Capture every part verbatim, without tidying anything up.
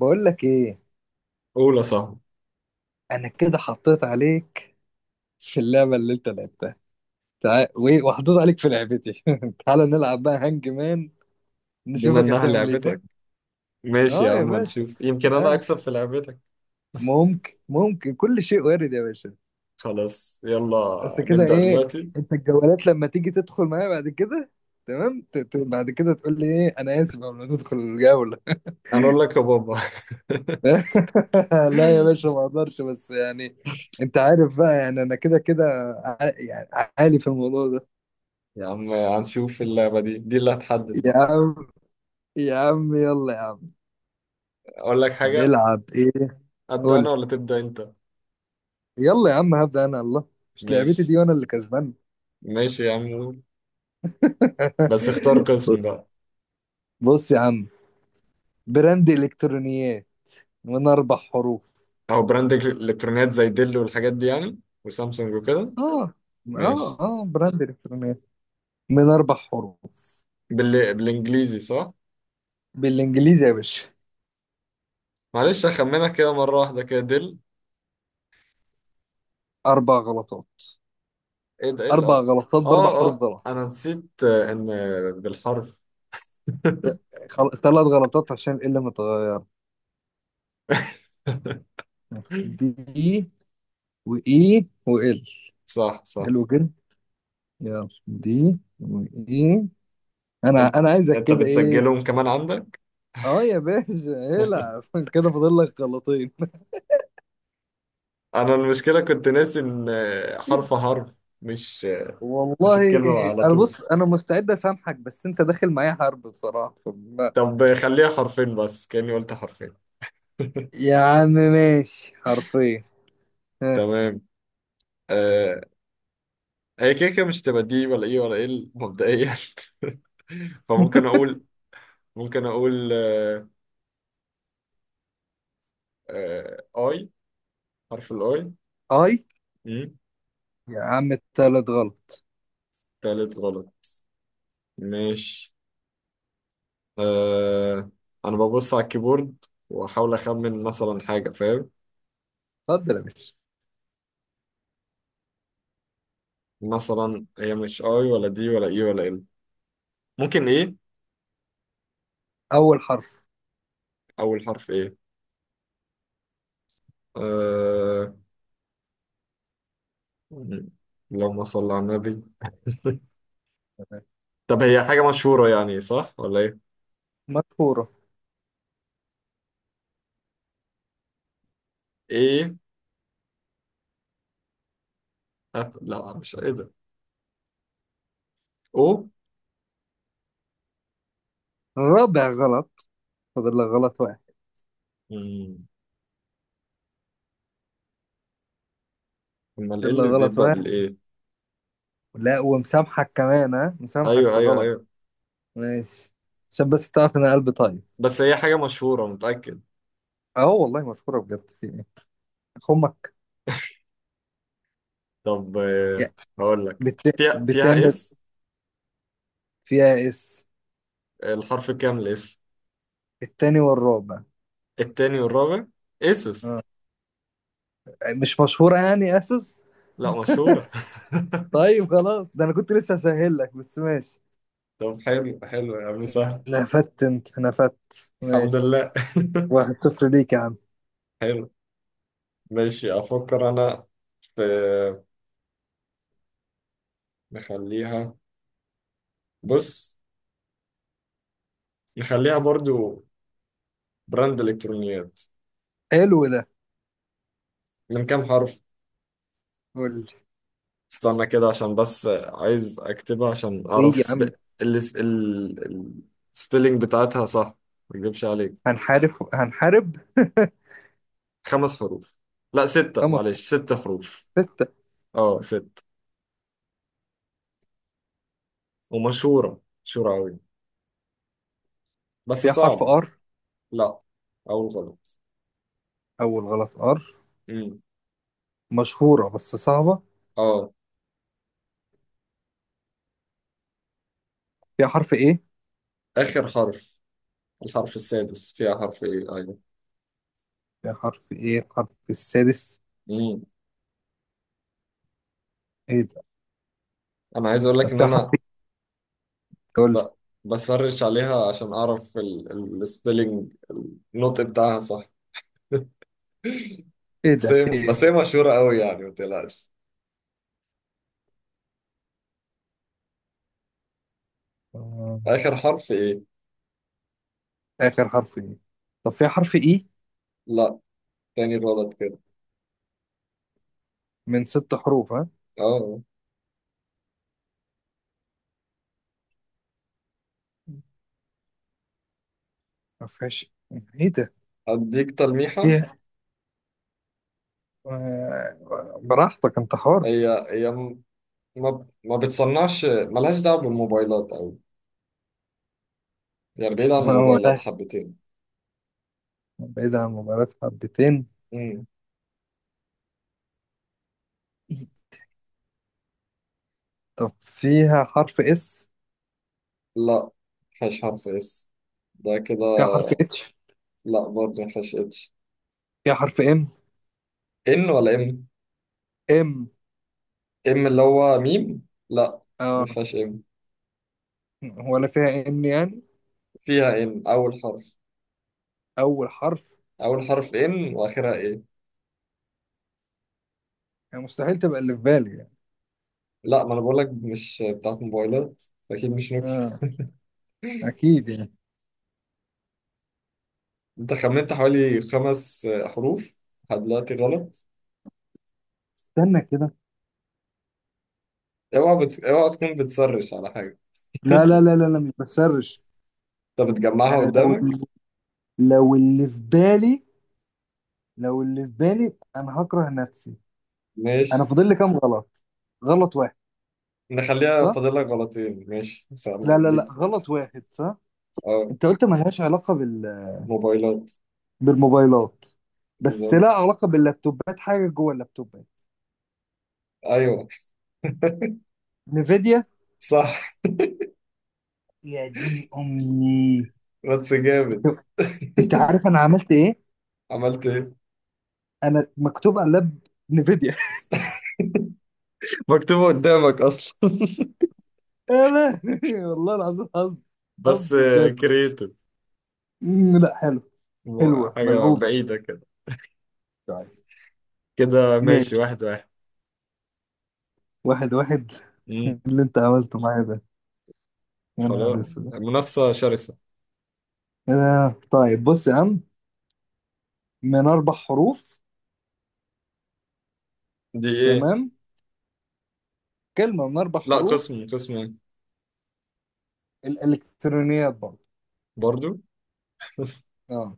بقول لك ايه. قول يا صاحبي. انا كده حطيت عليك في اللعبه اللي انت لعبتها. تعال وايه، وحطيت عليك في لعبتي. تعال نلعب بقى هانج مان، بما نشوفك انها هتعمل ايه تاني. لعبتك، ماشي يا اه يا عم، باشا، نشوف يمكن انا تعال. اكسب في لعبتك. ممكن ممكن كل شيء وارد يا باشا. خلاص يلا بس كده نبدأ ايه، دلوقتي. انت الجولات لما تيجي تدخل معايا بعد كده، تمام ت- ت- بعد كده تقول لي ايه انا اسف قبل ما تدخل الجوله. انا اقول لك يا بابا. لا يا باشا، ما اقدرش بس يعني، انت عارف بقى يعني انا كده كده، ع- يعني عالي في الموضوع ده. يا عم هنشوف اللعبة دي دي اللي هتحدد يا بقى. عم، يا عم يلا يا عم، اقول لك حاجة، هنلعب ايه؟ ابدأ قول لي. انا ولا تبدأ انت؟ يلا يا عم، هبدأ انا الله، مش لعبتي ماشي دي وانا اللي كسبان. ماشي يا عم، قول. بس اختار قسم بقى. بص يا عم، براند الكترونيات من اربع حروف. او براند الكترونيات زي ديل والحاجات دي يعني، وسامسونج وكده. اه، اه، ماشي. اه براند الكترونيات من اربع حروف. بال... بالانجليزي صح؟ بالانجليزي يا باشا. معلش اخمنك كده مرة واحدة كده، ديل. اربع غلطات. ايه ده؟ ايه اللي اربع قرأ؟ غلطات باربع اه اه، حروف غلط. انا نسيت آه، ان آه، بالحرف. خل... ثلاث غلطات عشان ال متغير، دي، واي، وال. صح صح. حلو كده. يلا دي واي. انا انت انا عايزك انت كده ايه. بتسجلهم كمان عندك؟ اه يا باشا. العب. كده فاضل لك غلطين. انا المشكلة كنت ناسي ان آه، حرف حرف، مش آه، مش والله. الكلمة على انا طول. بص انا مستعد اسامحك، بس انت داخل معايا حرب بصراحه فما- طب آه، خليها حرفين بس، كأني قلت حرفين. يا عم ماشي حرفين. ها، تمام. آه. هي كده كده مش تبقى دي ولا ايه ولا ايه مبدئيا. فممكن اقول، ممكن اقول آه، آه اي، حرف الاي. اي. مم. يا عم التالت غلط. تالت غلط ماشي. آه. انا ببص على الكيبورد واحاول اخمن مثلا حاجه، فاهم؟ اتفضل يا باشا. مثلا هي مش اي ولا دي ولا اي ولا ال، ممكن ايه، اول حرف. اول حرف ايه. آه، اللهم صل على النبي. تمام. طب هي حاجه مشهوره يعني صح ولا ايه؟ مشهوره. ايه. أت... لا مش ايه ده. او. رابع غلط، فاضل لك غلط واحد. مم. امال ايه فاضل لك اللي غلط بيبدا واحد، بالايه؟ لا ومسامحك كمان، ها، مسامحك ايوه في ايوه غلط. ايوه، ماشي، عشان بس تعرف ان أنا قلبي طيب. بس هي حاجه مشهوره متاكد. اه والله مشهوره بجد، في ايه؟ امك. طب آه، يا هقول لك. بت... فيها فيها بتعمل. اس. فيها اس، الحرف الكامل اس، التاني والرابع. التاني والرابع. اسوس. اه، مش مشهورة يعني اسوس. لا مشهورة. طيب خلاص، ده انا كنت لسه هسهل لك، بس ماشي. طب حلو حلو يا عم، سهل. نفدت، انت نفدت، الحمد ماشي. لله. واحد صفر ليك يا عم. حلو. ماشي، أفكر أنا في، نخليها، بص، نخليها برضو براند إلكترونيات. حلو ده. من كام حرف؟ قول لي استنى كده عشان بس عايز أكتبها عشان ايه أعرف يا سب... عم؟ ال... ال... السبيلينج بتاعتها صح، ما أكدبش عليك. هنحارب هنحارب. خمس حروف، لا ستة، خمس. معلش ست حروف. ستة. أه ست، ومشهورة مشهورة أوي بس فيها حرف صعبة. ار؟ لا، أول غلط. اول غلط. ار. امم. مشهورة بس صعبة. اه. فيها حرف ايه؟ اخر حرف، الحرف السادس فيها حرف ايه، ايوه. فيها حرف ايه الحرف السادس؟ امم. ايه ده؟ انا عايز اقول لك طب ان فيها حرف انا ايه؟ قول لي. ب... بسرش عليها عشان اعرف السبيلنج، النطق بتاعها صح. ايه بس ده، هي في بس هي ايه؟ مشهورة قوي يعني ما تقلقش. آه، آخر حرف إيه؟ اخر حرف ايه؟ طب فيها حرف اي. لا، تاني غلط كده. من ست حروف، ها. أه. ما فيهاش. ايه ده. أديك تلميحة. فيها. آه، براحتك، انت حر. هي هي م- ما ما بتصنعش، ملهاش دعوة بالموبايلات أوي، يعني بعيد عن ما هو الموبايلات ده، حبتين. بعيد عن مباراة حبتين. مم. طب فيها حرف اس. لا مفيهاش حرف إس. ده كده. فيها حرف اتش. لا برضه ما فيهاش اتش. فيها حرف ام. ان ولا ام؟ ام. ام اللي هو ميم، لا ما اه. فيهاش ام. ولا فيها ان يعني؟ فيها ان، اول حرف. اول حرف. اول حرف ان، واخرها ايه. يعني مستحيل تبقى اللي في بالي يعني. لا، ما انا بقول لك مش بتاعت موبايلات، اكيد مش نوكيا. اه، اكيد يعني. انت خمنت حوالي خمس آه، حروف لحد دلوقتي غلط. استنى كده. اوعى بت... اوعى تكون بتسرش على حاجه. لا لا لا لا لا، مش بسرش. انت بتجمعها انا لو قدامك. لو اللي في بالي لو اللي في بالي انا هكره نفسي. انا ماشي فاضل لي كام غلط؟ غلط واحد؟ نخليها، صح. فاضل لك غلطين، ماشي سلام، لا لا اديك. لا، غلط واحد صح. اه، انت قلت ملهاش علاقه بال... موبايلات. بالموبايلات. بس بالظبط. لها علاقه باللابتوبات، حاجه جوه اللابتوبات. ايوه. نيفيديا. صح. يا دين امي. بس جامد. انت عارف انا عملت ايه؟ عملت ايه؟ انا مكتوب على اللاب نيفيديا. مكتوبة قدامك أصلا. يا لهوي، والله العظيم حظ. بس حظ بجد. كرييتيف. مم، لا حلو. حلوه حاجة ملعوبه. بعيدة كده. طيب. كده ماشي، ماشي واحد واحد. واحد واحد. مم. اللي انت عملته معايا ده، يا نهار خلاص، اسود. منافسة شرسة. آه، طيب بص يا عم، من اربع حروف. دي إيه؟ تمام. كلمه من اربع لا، حروف. قسم قسم إيه؟ الالكترونيات برضه. برضو؟ اه.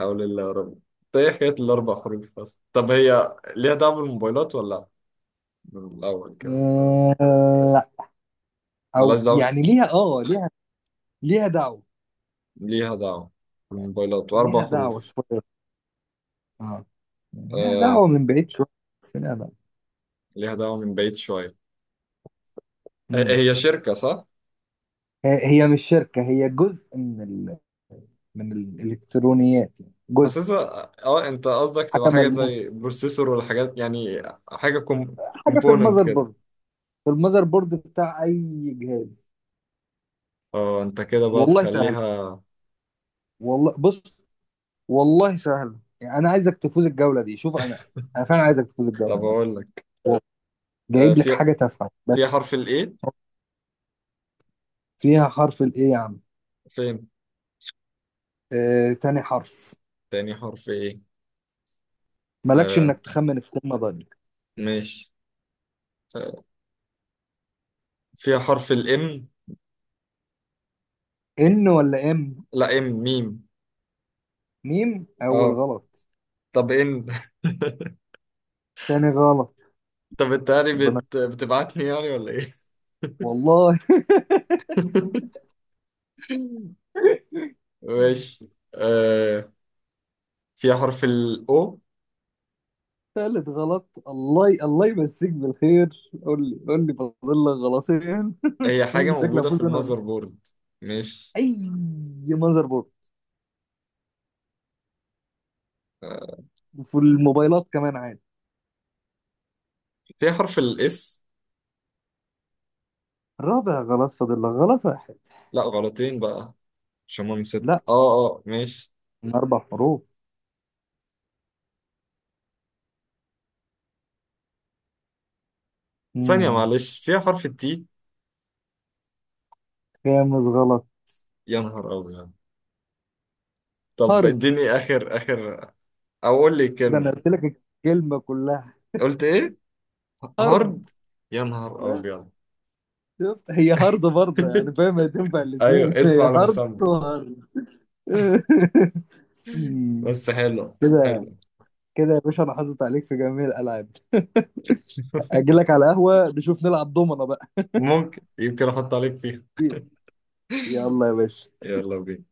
حول الله يا رب. طيب إيه حكاية الأربع حروف بس؟ طب هي ليها دعوة بالموبايلات ولا لأ؟ من الأول كده. آه، لا. ملهاش او دعوة؟ يعني ليها، اه ليها. ليها دعوه. ليها دعوة يعني بالموبايلات وأربع ليها دعوه حروف. شويه. اه. يعني ليها آه. دعوه من بعيد شويه. بس ليها دعوه. ليها دعوة من بعيد شوية. آه، مم. هي شركة صح؟ هي هي مش شركه، هي جزء من ال... من الالكترونيات، يعني جزء. حاسسها. اه انت قصدك تبقى حاجه حاجة ملموسه. زي بروسيسور ولا حاجات يعني. حاجة كوم... حاجه في كومبوننت المذر كده. بورد. في المذر بورد بتاع اي جهاز. اه انت كده بقى والله سهل. تخليها. والله بص، والله سهل يعني، انا عايزك تفوز الجوله دي، شوف انا. انا فعلا عايزك تفوز الجوله طب دي. اقول لك، آه، جايب لك في، حاجه تافهه فيها بس. حرف الايه؟ فيها حرف الايه يا عم؟ فين، آه، تاني حرف. تاني حرف؟ ايه. مالكش آه انك تخمن الكلمه بقلبك. ماشي. آه. فيها حرف الام. ان ولا ام؟ لا ام، ميم. ميم، اول اه. غلط. طب ان. تاني غلط. طب انت يعني ربنا. بت... بتبعتني يعني ولا ايه؟ والله. ماشي. آه. فيها حرف الاو. تالت غلط. الله ي... الله يمسيك بالخير، قول لي، قول لي، فاضل لك غلطين. هي قول حاجة لي شكلك موجودة في فوز انا ولا- المذر بورد. ماشي. اي. مذر بورد، آه، وفي الموبايلات كمان عادي. في حرف الاس. الرابع غلط، فاضل لك غلط واحد. لا غلطين بقى، عشان هما من ست، لا، اه اه ماشي. من أربع حروف. ثانية مم. معلش، فيها حرف التي. خامس غلط. يا نهار أبيض. طب هارد. اديني آخر آخر، أو قول لي ده كلمة. أنا قلت لك الكلمة كلها. قلت إيه؟ هارد. هارد. يا نهار أبيض. شفت، هي هارد برضه يعني، فاهم، هي تنفع أيوه، الاثنين. اسم هي على هارد مسمى. وهارد. مم. بس حلو كده، حلو. كده يا باشا أنا حاطط عليك في جميع الألعاب. أجيلك على قهوة نشوف نلعب دومنا بقى. ممكن، يمكن أحط عليك فيها. يلا يا باشا. يلا بينا.